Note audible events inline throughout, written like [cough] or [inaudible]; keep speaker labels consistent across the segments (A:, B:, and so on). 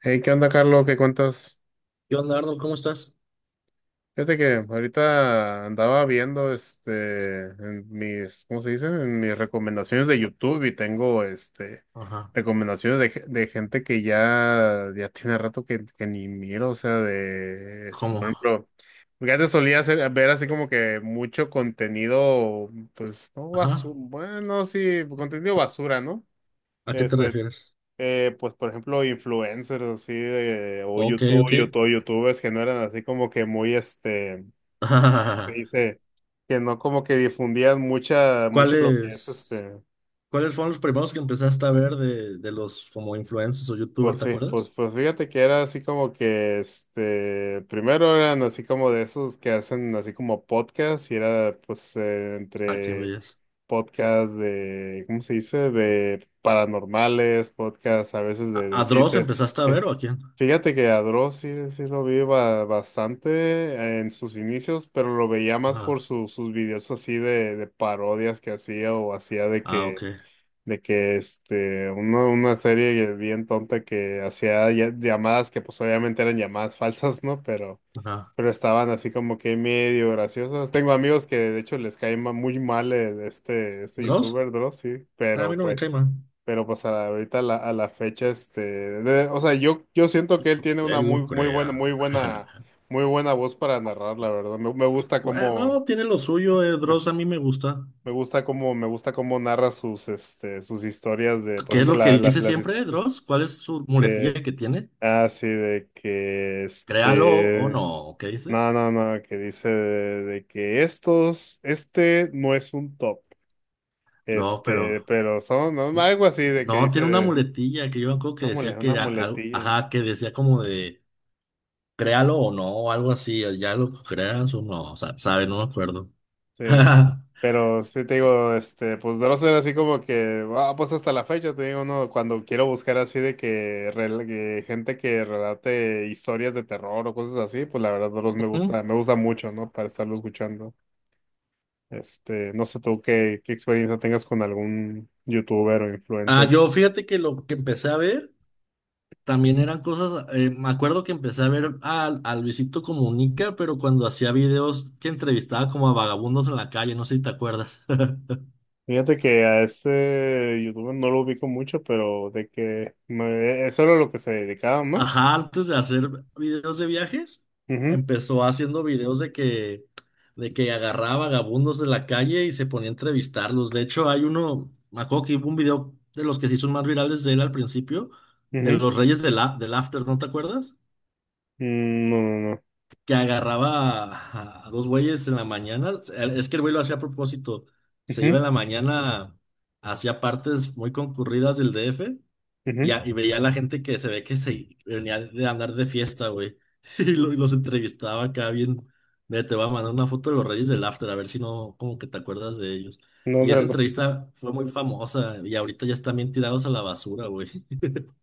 A: Hey, ¿qué onda, Carlos? ¿Qué cuentas?
B: ¿Qué onda, Arnold? ¿Cómo estás?
A: Fíjate que ahorita andaba viendo en mis, ¿cómo se dice? En mis recomendaciones de YouTube y tengo este
B: Ajá.
A: recomendaciones de, de gente que ya tiene rato que ni miro, o sea, por
B: ¿Cómo?
A: ejemplo, porque antes solía ver así como que mucho contenido, pues, no basura,
B: Ajá.
A: bueno, sí, contenido basura, ¿no?
B: ¿A qué te
A: Este,
B: refieres?
A: pues por ejemplo, influencers así de, o
B: Ok, ok.
A: YouTubers que no eran así como que muy, ¿cómo se
B: [laughs]
A: dice, que no como que difundían mucho lo que es
B: ¿Cuáles, cuáles fueron los primeros que empezaste a ver de los como influencers o youtubers,
A: pues
B: ¿te
A: sí,
B: acuerdas?
A: pues fíjate que era así como que, primero eran así como de esos que hacen así como podcast y era pues
B: ¿A quién
A: entre
B: veías?
A: podcast de, ¿cómo se dice? De paranormales, podcast a veces
B: ¿A,
A: de
B: a Dross
A: chistes.
B: empezaste a ver o
A: [laughs]
B: ¿a quién?
A: Fíjate que a Dross sí, sí lo vi bastante en sus inicios, pero lo veía más por
B: Ajá.
A: sus videos así de parodias que hacía o hacía de
B: Ah, ok.
A: que, de que este, una serie bien tonta que hacía llamadas que pues obviamente eran llamadas falsas, ¿no? Pero
B: Ajá.
A: estaban así como que medio graciosos. Tengo amigos que de hecho les cae muy mal este
B: ¿Dross?
A: youtuber Dross, sí,
B: Ah, a mí no me cae mal.
A: pero pues ahorita a la fecha, o sea, yo siento que él tiene
B: Usted
A: una
B: lo
A: muy,
B: crea.
A: muy buena voz para narrar, la verdad. Me gusta
B: Bueno, tiene lo suyo,
A: me,
B: Dross, a mí me gusta.
A: me gusta me gusta cómo narra sus, sus historias de, por
B: ¿Qué es
A: ejemplo,
B: lo que dice siempre, Dross? ¿Cuál es su muletilla
A: de,
B: que tiene?
A: ah, sí,
B: ¿Créalo o no, qué dice?
A: no, no, no, que dice de que este no es un top,
B: No, pero.
A: pero son, ¿no? Algo así de que
B: No, tiene una
A: dice
B: muletilla que yo me acuerdo que decía
A: una
B: que algo.
A: muletilla,
B: Ajá, que decía como de. Créalo o no, o algo así. Ya lo creas o no. Sabe, no me acuerdo.
A: sí,
B: [laughs]
A: pero sí te digo, pues de no ser así como que, ah, pues hasta la fecha te digo, no, cuando quiero buscar así de que, que gente que relate historias de terror o cosas así, pues la verdad Dross
B: Ujú.
A: me gusta mucho, ¿no? Para estarlo escuchando, no sé tú qué experiencia tengas con algún youtuber o
B: Ah,
A: influencer.
B: yo fíjate que lo que empecé a ver también eran cosas. Me acuerdo que empecé a ver a Luisito Comunica, pero cuando hacía videos que entrevistaba como a vagabundos en la calle, no sé si te acuerdas. [laughs]
A: Fíjate que a este youtuber no lo ubico mucho, pero eso era lo que se dedicaba más.
B: Ajá, antes de hacer videos de viajes,
A: Ujú,
B: empezó haciendo videos de que agarraba vagabundos de la calle y se ponía a entrevistarlos. De hecho, hay uno, me acuerdo que hubo un video de los que se hizo más virales de él al principio, de
A: ujú.
B: los Reyes del After, ¿no te acuerdas?
A: Mm, no, no, no.
B: Que agarraba a dos güeyes en la mañana. Es que el güey lo hacía a propósito. Se iba
A: Ujú,
B: en la mañana, hacia partes muy concurridas del DF y,
A: ujú.
B: y veía a la gente que se ve que se venía de andar de fiesta, güey. [laughs] Y, y los entrevistaba acá bien. Mira, te voy a mandar una foto de los Reyes del After, a ver si no, como que te acuerdas de ellos. Y
A: ¿Dónde,
B: esa
A: no?
B: entrevista fue muy famosa y ahorita ya están bien tirados a la basura, güey.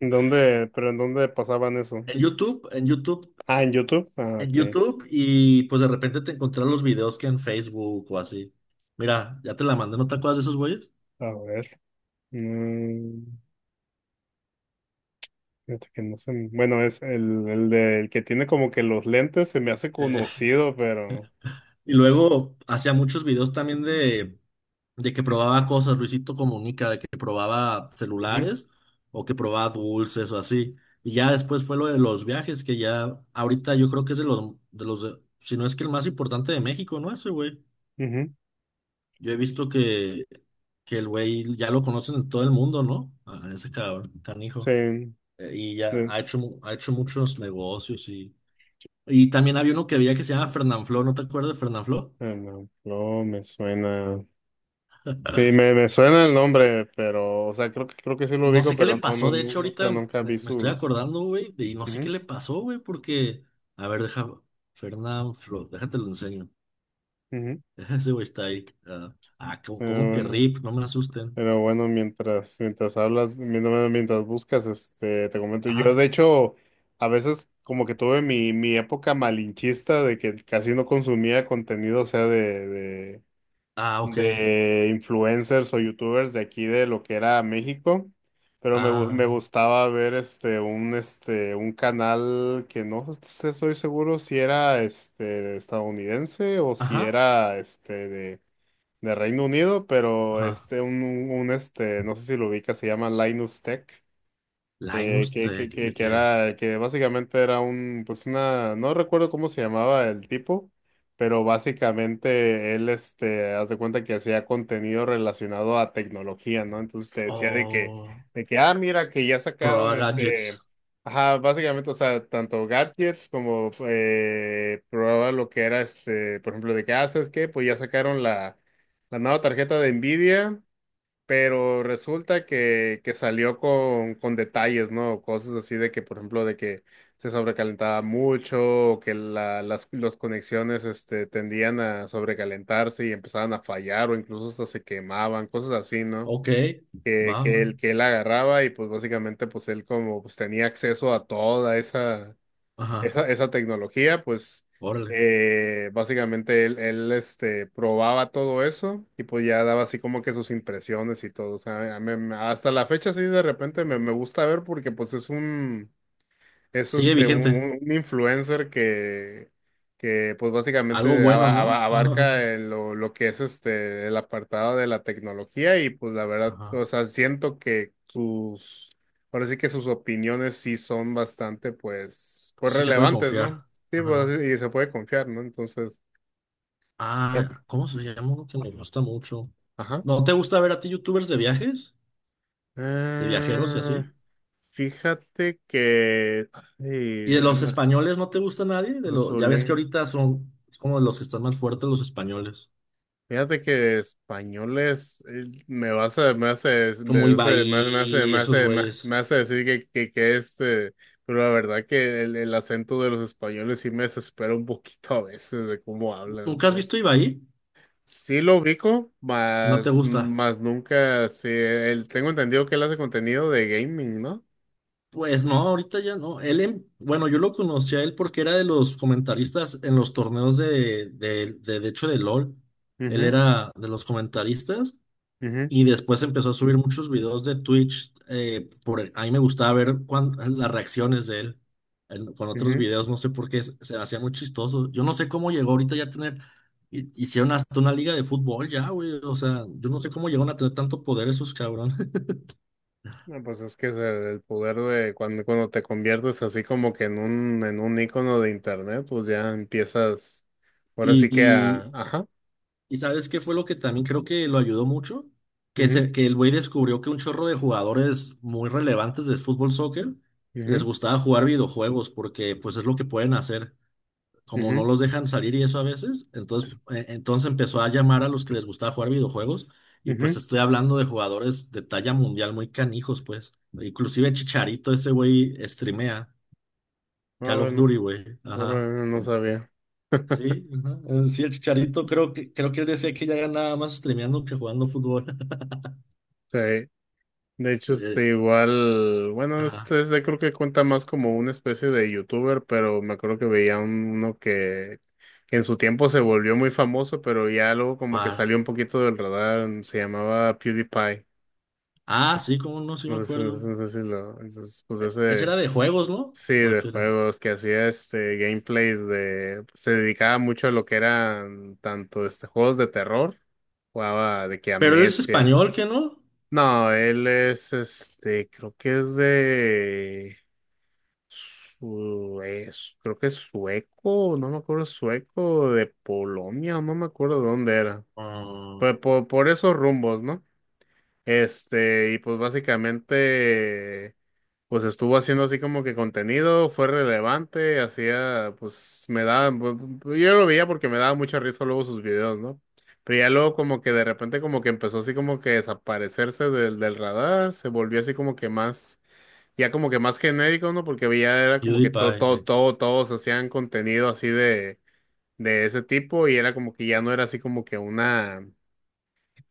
A: ¿En dónde, pero en dónde pasaban eso?
B: En YouTube, en YouTube,
A: Ah, en YouTube. Ah,
B: en
A: ok.
B: YouTube y pues de repente te encontrás los videos que en Facebook o así. Mira, ya te la mandé, ¿no te acuerdas de esos güeyes?
A: A ver. Mm, fíjate que no sé. Bueno, es el que tiene como que los lentes, se me hace
B: [laughs]
A: conocido, pero.
B: Y luego hacía muchos videos también de que probaba cosas, Luisito Comunica, de que probaba
A: Ujú,
B: celulares o que probaba dulces o así. Y ya después fue lo de los viajes, que ya ahorita yo creo que es de si no es que el más importante de México, ¿no? Ese güey.
A: ujú.
B: Yo he visto Que el güey ya lo conocen en todo el mundo, ¿no? A ese cabrón, canijo.
A: Sí.
B: Y ya
A: Sí.
B: ha hecho, ha hecho muchos negocios y... Y también había uno que había que se llama Fernanfloo, ¿no te acuerdas de Fernanfloo?
A: Ah, no, no me suena. Sí, me suena el nombre, pero, o sea, creo que sí lo
B: No
A: ubico,
B: sé qué le
A: pero no, no,
B: pasó, de
A: no,
B: hecho
A: nunca,
B: ahorita
A: nunca vi
B: me estoy
A: sus.
B: acordando, güey, y no sé qué
A: Ujú,
B: le pasó, güey, porque, a ver, deja, Fernán Flo, déjate lo enseño.
A: ujú.
B: [laughs] Ese güey está ahí. ¿Cómo,
A: Pero
B: cómo que
A: bueno,
B: RIP? No me asusten.
A: pero bueno, mientras hablas, mientras buscas, te comento. Yo,
B: Ajá.
A: de hecho, a veces como que tuve mi época malinchista de que casi no consumía contenido, o sea,
B: Ah, ok.
A: de influencers o youtubers de aquí de lo que era México, pero me
B: Ah,
A: gustaba ver un canal que no sé, soy seguro si era este estadounidense o si
B: ajá,
A: era de Reino Unido, pero
B: ajá.
A: este un este no sé si lo ubica, se llama Linus Tech.
B: Linus Tech, ¿de
A: Que
B: qué es?
A: era, que básicamente era un, pues una, no recuerdo cómo se llamaba el tipo, pero básicamente él, haz de cuenta que hacía contenido relacionado a tecnología, ¿no? Entonces te decía
B: Oh,
A: de que, ah, mira, que ya sacaron
B: Proa Gadgets.
A: ajá, básicamente, o sea, tanto gadgets como, probaba lo que era por ejemplo, de que, ah, ¿sabes qué? Pues ya sacaron la nueva tarjeta de Nvidia. Pero resulta que salió con detalles, ¿no? Cosas así de que, por ejemplo, de que se sobrecalentaba mucho, o que la, las los conexiones tendían a sobrecalentarse y empezaban a fallar, o incluso hasta se quemaban, cosas así, ¿no?
B: Ok, va.
A: Que él agarraba y pues básicamente pues él como pues tenía acceso a toda
B: Ajá,
A: esa tecnología, pues
B: órale.
A: él probaba todo eso y pues ya daba así como que sus impresiones y todo. O sea, hasta la fecha sí de repente me gusta ver porque pues es un... Es
B: Sigue vigente.
A: influencer que pues
B: Algo
A: básicamente
B: bueno, ¿no?
A: abarca lo que es este el apartado de la tecnología y pues la
B: [laughs]
A: verdad, o
B: Ajá.
A: sea, siento que sus, ahora sí que sus opiniones sí son bastante pues, pues
B: Sí se puede
A: relevantes, ¿no?
B: confiar.
A: Sí, pues
B: Ajá.
A: así- y se puede confiar, ¿no? Entonces, pero-
B: Ah, ¿cómo se llama uno que me gusta mucho?
A: ajá.
B: ¿No te gusta ver a ti youtubers de viajes? ¿De viajeros y
A: Ah,
B: así?
A: fíjate que, ay,
B: ¿Y de los
A: anda,
B: españoles no te gusta nadie? De
A: lo
B: lo... Ya ves que
A: solé.
B: ahorita son como de los que están más fuertes los españoles.
A: Fíjate que españoles me vas a me hace me
B: Como
A: hace me hace me hace
B: Ibai,
A: me
B: esos
A: hace, me-
B: güeyes.
A: me hace decir que este pero la verdad que el acento de los españoles sí me desespera un poquito a veces de cómo hablan, o
B: ¿Nunca has
A: sea.
B: visto Ibai?
A: Sí lo ubico,
B: ¿No te
A: más
B: gusta?
A: más nunca sí él tengo entendido que él hace contenido de gaming, ¿no?
B: Pues no, ahorita ya no. Él, bueno, yo lo conocí a él porque era de los comentaristas en los torneos de hecho, de LOL. Él
A: Mhm,
B: era de los comentaristas.
A: mhm,
B: Y después empezó a subir muchos videos de Twitch. Por, a mí me gustaba ver las reacciones de él con otros videos. No sé por qué se hacía muy chistoso. Yo no sé cómo llegó ahorita ya a tener. Hicieron hasta una liga de fútbol ya, güey. O sea, yo no sé cómo llegaron a tener tanto poder esos cabrones. [laughs]
A: no, pues es que es el poder de cuando te conviertes así como que en en un ícono de internet, pues ya empiezas, ahora
B: Y,
A: sí que a,
B: y,
A: ajá,
B: y ¿sabes qué fue lo que también creo que lo ayudó mucho? Que,
A: mhm,
B: que el güey descubrió que un chorro de jugadores muy relevantes de fútbol soccer les
A: mhm,
B: gustaba jugar videojuegos porque pues es lo que pueden hacer. Como no
A: mhm,
B: los dejan salir y eso a veces, entonces, entonces empezó a llamar a los que les gustaba jugar videojuegos y pues te
A: mhm.
B: estoy hablando de jugadores de talla mundial muy canijos, pues. Inclusive Chicharito, ese güey streamea
A: Ah,
B: Call of
A: bueno,
B: Duty, güey. Ajá.
A: bueno, no
B: Con-
A: sabía. [laughs]
B: Sí, ajá. Sí, el Chicharito creo que él decía que ya ganaba más streameando que jugando fútbol. [laughs]
A: Sí, de hecho,
B: Eh,
A: este igual, bueno,
B: ajá.
A: este creo que cuenta más como una especie de youtuber, pero me acuerdo que veía uno que en su tiempo se volvió muy famoso, pero ya luego como que
B: ¿Cuál?
A: salió un poquito del radar, se llamaba PewDiePie.
B: Ah, sí, cómo no, sí me
A: No sé, no
B: acuerdo.
A: sé, no sé si lo, esos, pues
B: Ese
A: ese,
B: era de juegos, ¿no?
A: sí,
B: ¿O de
A: de
B: qué era?
A: juegos que hacía este gameplays de, pues, se dedicaba mucho a lo que eran tanto este juegos de terror, jugaba de que
B: Pero él es
A: Amnesia.
B: español, ¿qué no?
A: No, él es creo que es de Suez, creo que es sueco, no me acuerdo, sueco de Polonia, no me acuerdo de dónde era.
B: Ah,
A: Pues por esos rumbos, ¿no? Este, y pues básicamente, pues estuvo haciendo así como que contenido, fue relevante, hacía, pues me daba, pues, yo lo veía porque me daba mucha risa luego sus videos, ¿no? Pero ya luego como que de repente como que empezó así como que desaparecerse del radar, se volvió así como que más, ya como que más genérico, ¿no? Porque ya era como que
B: PewDiePie. Eh.
A: todo, todos hacían contenido así de ese tipo y era como que ya no era así como que una,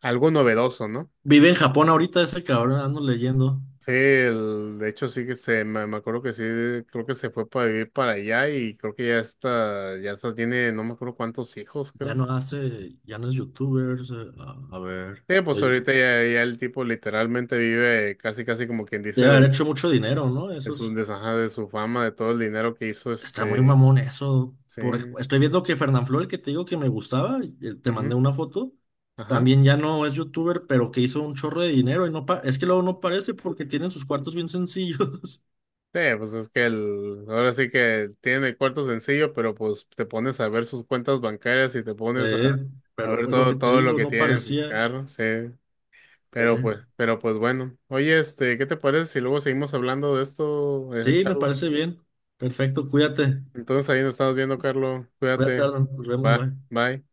A: algo novedoso, ¿no?
B: Vive en Japón ahorita ese cabrón, ando leyendo.
A: Sí, de hecho sí que se, me acuerdo que sí, creo que se fue para vivir para allá y creo que ya está, tiene, no me acuerdo cuántos hijos,
B: Ya
A: creo.
B: no hace, ya no es youtuber. O sea, a ver,
A: Sí, pues ahorita ya, ya el tipo literalmente vive casi, casi como quien dice
B: debe haber
A: de,
B: hecho mucho dinero, ¿no? Esos.
A: su ajá, de su fama, de todo el dinero que hizo
B: Está muy
A: este,
B: mamón eso.
A: sí,
B: Por, estoy
A: sí,
B: viendo que Fernanfloo, el que te digo que me gustaba, y te
A: ujú,
B: mandé una foto,
A: ajá.
B: también ya no es youtuber, pero que hizo un chorro de dinero y no pa- es que luego no parece porque tienen sus cuartos bien sencillos. [laughs]
A: Sí, pues es que el, ahora sí que tiene el cuarto sencillo, pero pues te pones a ver sus cuentas bancarias y te pones
B: Eh,
A: a
B: pero
A: ver
B: pues lo que
A: todo,
B: te
A: todo lo
B: digo,
A: que
B: no
A: tiene en sus
B: parecía.
A: carros, sí.
B: Eh,
A: Pero pues bueno. Oye, este, ¿qué te parece si luego seguimos hablando de esto,
B: sí, me
A: Carlos?
B: parece bien. Perfecto, cuídate.
A: Entonces ahí nos estamos viendo, Carlos.
B: Cuídate,
A: Cuídate.
B: Arnold. Nos vemos,
A: Va,
B: bye.
A: bye.